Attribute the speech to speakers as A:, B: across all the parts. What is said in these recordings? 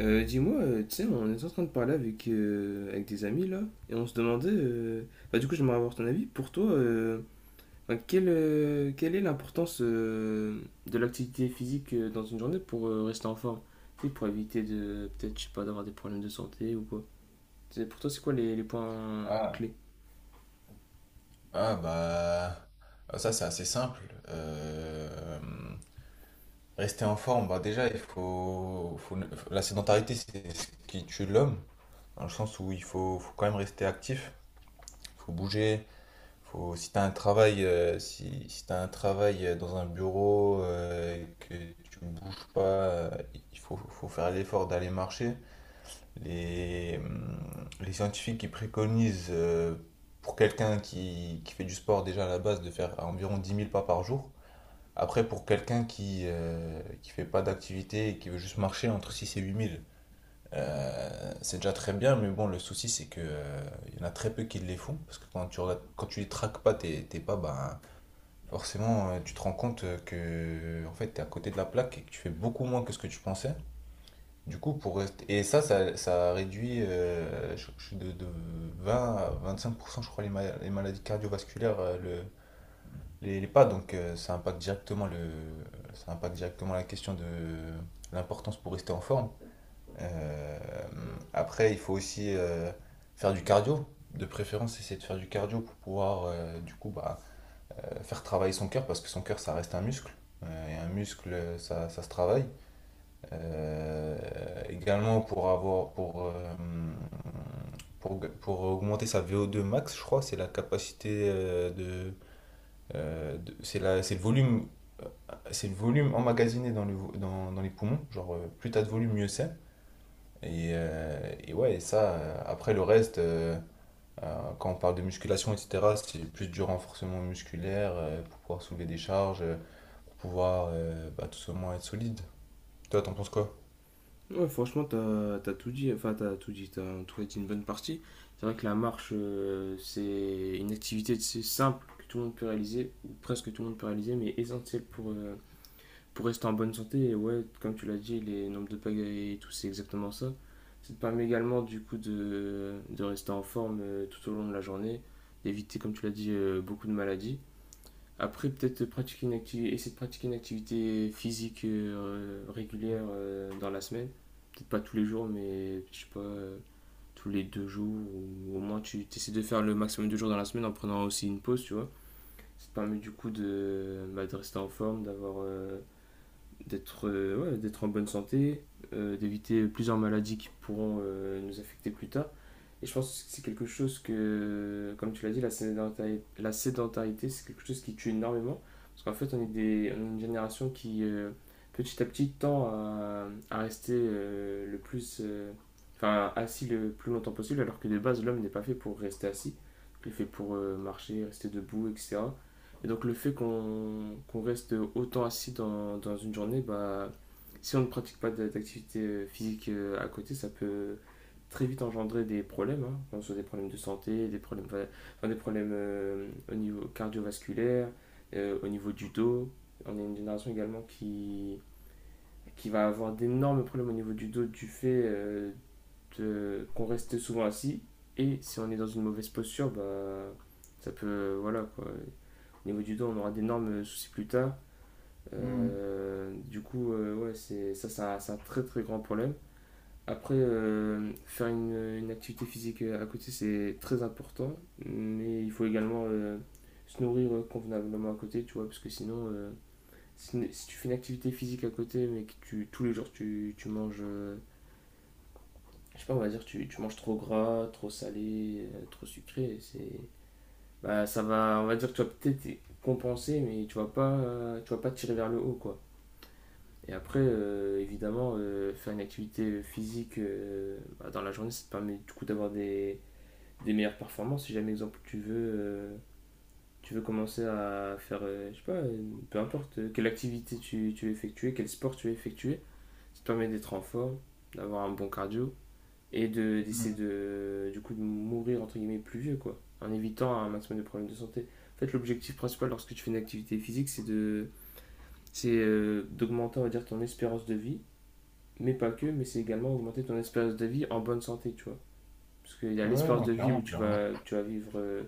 A: Dis-moi, tu sais, on est en train de parler avec, avec des amis là, et on se demandait, bah, du coup j'aimerais avoir ton avis, pour toi, enfin, quelle est l'importance de l'activité physique dans une journée pour rester en forme? Tu sais, pour éviter peut-être, je sais pas, d'avoir des problèmes de santé ou quoi. Tu sais, pour toi, c'est quoi les points
B: Ah,
A: clés?
B: ah bah ah, ça c'est assez simple. Euh, Rester en forme, bah déjà il faut. La sédentarité c'est ce qui tue l'homme, dans le sens où il faut quand même rester actif, faut bouger. Faut, si t'as un travail si t'as un travail dans un bureau et que tu bouges pas, il faut faire l'effort d'aller marcher. Les scientifiques qui préconisent pour quelqu'un qui fait du sport déjà à la base de faire environ 10 000 pas par jour. Après, pour quelqu'un qui fait pas d'activité et qui veut juste marcher entre 6 000 et 8 000, c'est déjà très bien. Mais bon, le souci c'est que il y en a très peu qui les font parce que quand tu les traques pas tes pas, ben, forcément tu te rends compte que en fait t'es à côté de la plaque et que tu fais beaucoup moins que ce que tu pensais. Du coup, pour rester... Et ça réduit de 20 à 25%, je crois, les maladies cardiovasculaires, les pas. Donc, ça impacte directement la question de l'importance pour rester en forme. Euh, Après, il faut aussi faire du cardio. De préférence, essayer de faire du cardio pour pouvoir, du coup, bah, faire travailler son cœur, parce que son cœur, ça reste un muscle. Et un muscle, ça se travaille. Également pour avoir pour augmenter sa vo deux max, je crois, c'est la capacité c'est le volume euh, emmagasiné dans le vo- dans, dans les poumons, genre plus t'as de volume mieux c'est. Et ouais, et ça après le reste quand on parle de musculation etc., c'est plus du renforcement musculaire pour pouvoir soulever des charges, pour pouvoir bah, tout simplement être solide. Toi, t'en penses quoi?
A: Ouais, franchement, t'as tout dit, enfin, t'as tout dit, t'as en tout cas dit une bonne partie. C'est vrai que la marche, c'est une activité c'est simple que tout le monde peut réaliser, ou presque tout le monde peut réaliser, mais essentielle pour rester en bonne santé. Et ouais, comme tu l'as dit, les nombres de pagaies et tout, c'est exactement ça. Ça te permet également, du coup, de rester en forme tout au long de la journée, d'éviter, comme tu l'as dit, beaucoup de maladies. Après, peut-être pratiquer une activité, essayer de pratiquer une activité physique régulière dans la semaine. Peut-être pas tous les jours, mais je sais pas, tous les 2 jours, ou au moins tu essaies de faire le maximum de jours dans la semaine en prenant aussi une pause, tu vois. Ça te permet du coup de, bah, de rester en forme, d'avoir d'être ouais, d'être en bonne santé, d'éviter plusieurs maladies qui pourront nous affecter plus tard. Et je pense que c'est quelque chose que, comme tu l'as dit, la sédentarité c'est quelque chose qui tue énormément. Parce qu'en fait, on est une génération petit à petit, tend à rester le plus. Enfin, assis le plus longtemps possible, alors que de base, l'homme n'est pas fait pour rester assis. Il est fait pour marcher, rester debout, etc. Et donc le fait qu'on reste autant assis dans une journée, bah, si on ne pratique pas d'activité physique à côté, ça peut très vite engendrer des problèmes, hein, que ce soit des problèmes de santé, des problèmes, enfin, des problèmes au niveau cardiovasculaire, au niveau du dos. On est une génération également qui va avoir d'énormes problèmes au niveau du dos du fait qu'on reste souvent assis. Et si on est dans une mauvaise posture, bah, ça peut. Voilà quoi. Au niveau du dos, on aura d'énormes soucis plus tard. Du coup, ouais, c'est, ça, c'est un très très grand problème. Après, faire une activité physique à côté, c'est très important, mais il faut également se nourrir convenablement à côté, tu vois, parce que sinon, si tu fais une activité physique à côté, mais que tu, tous les jours tu manges je sais pas, on va dire, tu manges trop gras, trop salé, trop sucré. C'est, bah, ça va, on va dire, que tu vas peut-être y compenser, mais tu vas pas tirer vers le haut, quoi. Et après, évidemment, faire une activité physique bah, dans la journée, ça te permet du coup d'avoir des meilleures performances. Si jamais, exemple, tu veux, tu veux, commencer à faire, je sais pas, peu importe quelle activité tu veux effectuer, quel sport tu veux effectuer, ça te permet d'être en forme, d'avoir un bon cardio et de d'essayer de du coup de mourir entre guillemets plus vieux, quoi, en évitant un maximum de problèmes de santé. En fait, l'objectif principal lorsque tu fais une activité physique, c'est d'augmenter, on va dire, ton espérance de vie. Mais pas que, mais c'est également augmenter ton espérance de vie en bonne santé, tu vois. Parce qu'il y a
B: Ouais,
A: l'espérance
B: non,
A: de vie
B: clairement,
A: où tu
B: clairement.
A: vas tu vas vivre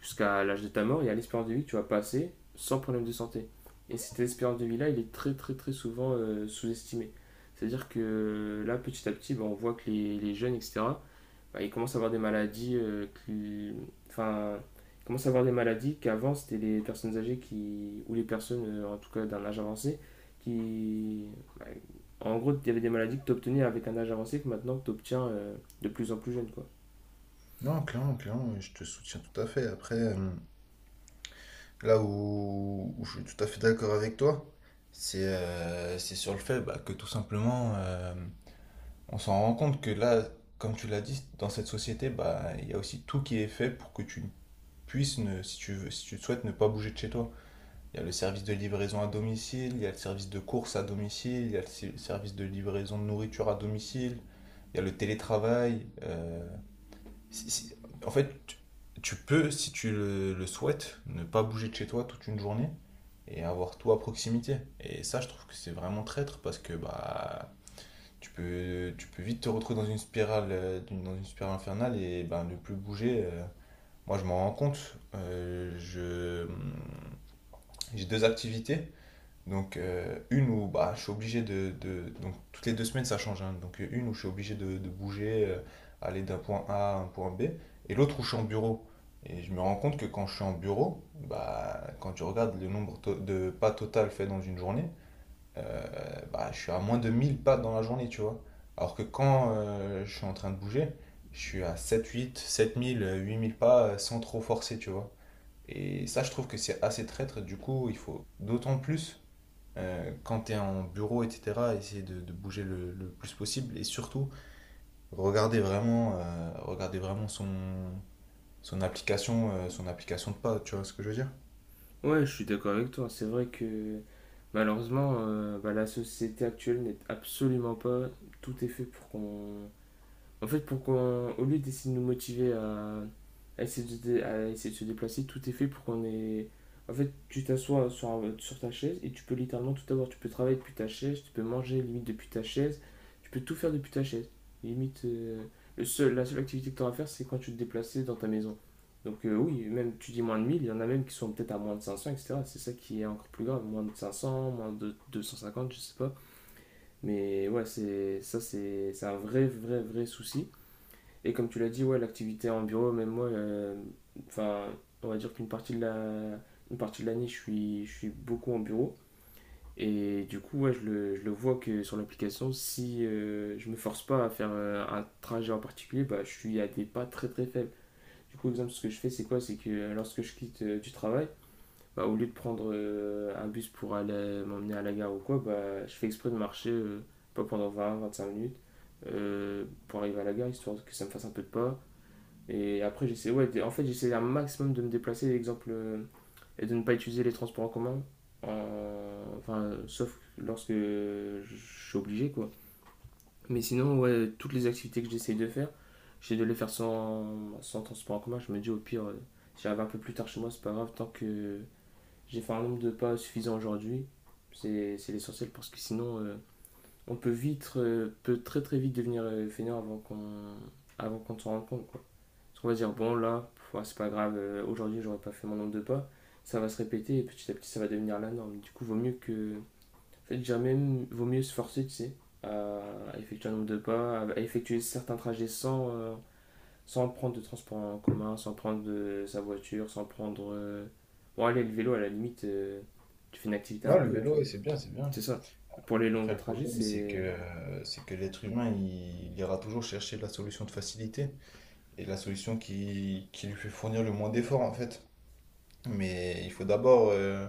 A: jusqu'à l'âge de ta mort. Il y a l'espérance de vie que tu vas passer sans problème de santé, et cette espérance de vie là il est très très très souvent sous-estimé. C'est à dire que là, petit à petit, bah, on voit que les jeunes, etc., bah, ils commencent à avoir des maladies qui. Enfin, ils commencent à avoir des maladies qu'avant c'était les personnes âgées qui. Ou les personnes, en tout cas d'un âge avancé, qui. Bah, en gros, il y avait des maladies que tu obtenais avec un âge avancé que maintenant tu obtiens de plus en plus jeune, quoi.
B: Non, clairement, clairement, je te soutiens tout à fait. Après, là où je suis tout à fait d'accord avec toi, c'est sur le fait bah, que tout simplement, on s'en rend compte que là, comme tu l'as dit, dans cette société, bah, il y a aussi tout qui est fait pour que tu puisses, ne, si tu veux, si tu le souhaites, ne pas bouger de chez toi. Il y a le service de livraison à domicile, il y a le service de course à domicile, il y a le service de livraison de nourriture à domicile, il y a le télétravail. Si- si- En fait, tu peux, si tu le souhaites, ne pas bouger de chez toi toute une journée et avoir tout à proximité. Et ça, je trouve que c'est vraiment traître parce que bah, tu peux vite te retrouver dans une spirale, dans une spirale infernale et ben ne plus bouger. Moi, je m'en rends compte. J'ai deux activités. Donc, une où bah, je suis obligé Donc toutes les 2 semaines ça change, hein. Donc, une où je suis obligé de bouger, aller d'un point A à un point B. Et l'autre où je suis en bureau. Et je me rends compte que quand je suis en bureau, bah, quand tu regardes le nombre de pas total fait dans une journée, euh, bah, je suis à moins de 1 000 pas dans la journée, tu vois. Alors que quand je suis en train de bouger, je suis à 7 000 8 000 pas sans trop forcer, tu vois. Et ça, je trouve que c'est assez traître. Du coup, il faut d'autant plus quand tu es en bureau, etc., essayer de bouger le plus possible et surtout regarder vraiment son application de pas, tu vois ce que je veux dire?
A: Ouais, je suis d'accord avec toi. C'est vrai que malheureusement, bah, la société actuelle n'est absolument pas. Tout est fait pour qu'on. En fait, pour qu'on, au lieu d'essayer de nous motiver à essayer, à essayer de se déplacer, tout est fait pour qu'on ait. En fait, tu t'assois sur ta chaise et tu peux littéralement tout avoir. Tu peux travailler depuis ta chaise, tu peux manger limite depuis ta chaise, tu peux tout faire depuis ta chaise. Limite, la seule activité que tu auras à faire, c'est quand tu te déplaces dans ta maison. Donc, oui, même tu dis moins de 1 000, il y en a même qui sont peut-être à moins de 500, etc. C'est ça qui est encore plus grave. Moins de 500, moins de 250, je sais pas. Mais ouais, c'est, ça, c'est un vrai, vrai, vrai souci. Et comme tu l'as dit, ouais, l'activité en bureau, même moi, enfin, on va dire qu'une partie de l'année, je suis beaucoup en bureau. Et du coup, ouais, je le vois que sur l'application, si je me force pas à faire un trajet en particulier, bah, je suis à des pas très très faibles. Du coup, exemple, ce que je fais, c'est quoi? C'est que lorsque je quitte du travail, bah, au lieu de prendre un bus pour aller m'emmener à la gare ou quoi, bah, je fais exprès de marcher, pas pendant 20 à 25 minutes, pour arriver à la gare, histoire que ça me fasse un peu de pas. Et après, j'essaie, ouais, en fait, j'essaie un maximum de me déplacer, exemple, et de ne pas utiliser les transports en commun, enfin, sauf lorsque je suis obligé, quoi. Mais sinon, ouais, toutes les activités que j'essaie de faire, j'essaie de les faire sans, transport en commun. Je me dis, au pire, si j'arrive un peu plus tard chez moi, c'est pas grave, tant que j'ai fait un nombre de pas suffisant aujourd'hui, c'est l'essentiel, parce que sinon, on peut très très vite devenir fainéant avant qu'on s'en rende compte, quoi. Parce qu'on va dire, bon, là, ouais, c'est pas grave, aujourd'hui, j'aurais pas fait mon nombre de pas. Ça va se répéter et petit à petit, ça va devenir la norme. Du coup, vaut mieux que. En fait, déjà même, vaut mieux se forcer, tu sais, à effectuer un nombre de pas, à effectuer certains trajets sans, sans prendre de transport en commun, sans prendre de sa voiture, sans prendre. Bon, allez, le vélo, à la limite, tu fais une activité
B: Non,
A: un
B: le
A: peu, tu
B: vélo,
A: vois.
B: ouais, c'est bien, c'est bien.
A: C'est ça. Pour les longs
B: Après, le
A: trajets,
B: problème, c'est que,
A: c'est.
B: euh, c'est que l'être humain, il ira toujours chercher la solution de facilité et la solution qui lui fait fournir le moins d'efforts, en fait. Mais il faut d'abord euh,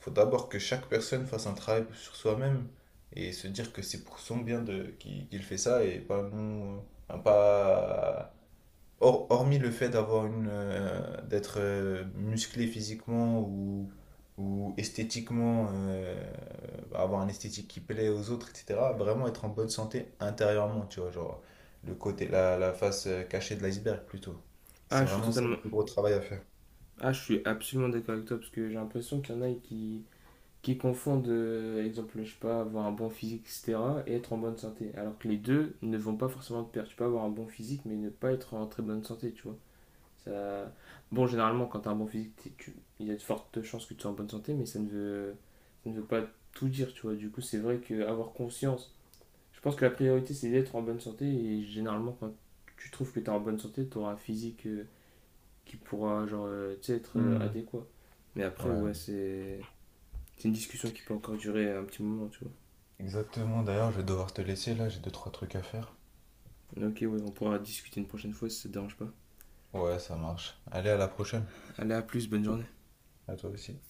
B: faut d'abord que chaque personne fasse un travail sur soi-même et se dire que c'est pour son bien qu'il fait ça et pas nous. Enfin, pas, hormis le fait d'être musclé physiquement ou esthétiquement, bah, avoir un esthétique qui plaît aux autres, etc. Vraiment être en bonne santé intérieurement, tu vois, genre le côté, la face cachée de l'iceberg plutôt.
A: Ah,
B: C'est
A: je suis
B: vraiment ça le
A: totalement.
B: plus gros travail à faire.
A: Ah, je suis absolument d'accord avec toi parce que j'ai l'impression qu'il y en a qui. Qui confondent, exemple, je sais pas, avoir un bon physique, etc., et être en bonne santé. Alors que les deux ne vont pas forcément de pair. Tu peux avoir un bon physique, mais ne pas être en très bonne santé, tu vois. Ça... Bon, généralement, quand tu as un bon physique, il y a de fortes chances que tu sois en bonne santé, mais ça ne veut pas tout dire, tu vois. Du coup, c'est vrai qu'avoir conscience, je pense que la priorité, c'est d'être en bonne santé, et généralement, quand tu trouves que tu es en bonne santé, tu auras un physique qui pourra, genre, tu sais, être
B: Hmm.
A: adéquat. Mais
B: Ouais,
A: après,
B: ouais.
A: ouais, c'est une discussion qui peut encore durer un petit moment, tu vois.
B: Exactement, d'ailleurs, je vais devoir te laisser là, j'ai deux, trois trucs à faire.
A: Ok, ouais, on pourra discuter une prochaine fois si ça te dérange pas.
B: Ouais, ça marche. Allez, à la prochaine.
A: Allez, à plus, bonne journée.
B: À toi aussi.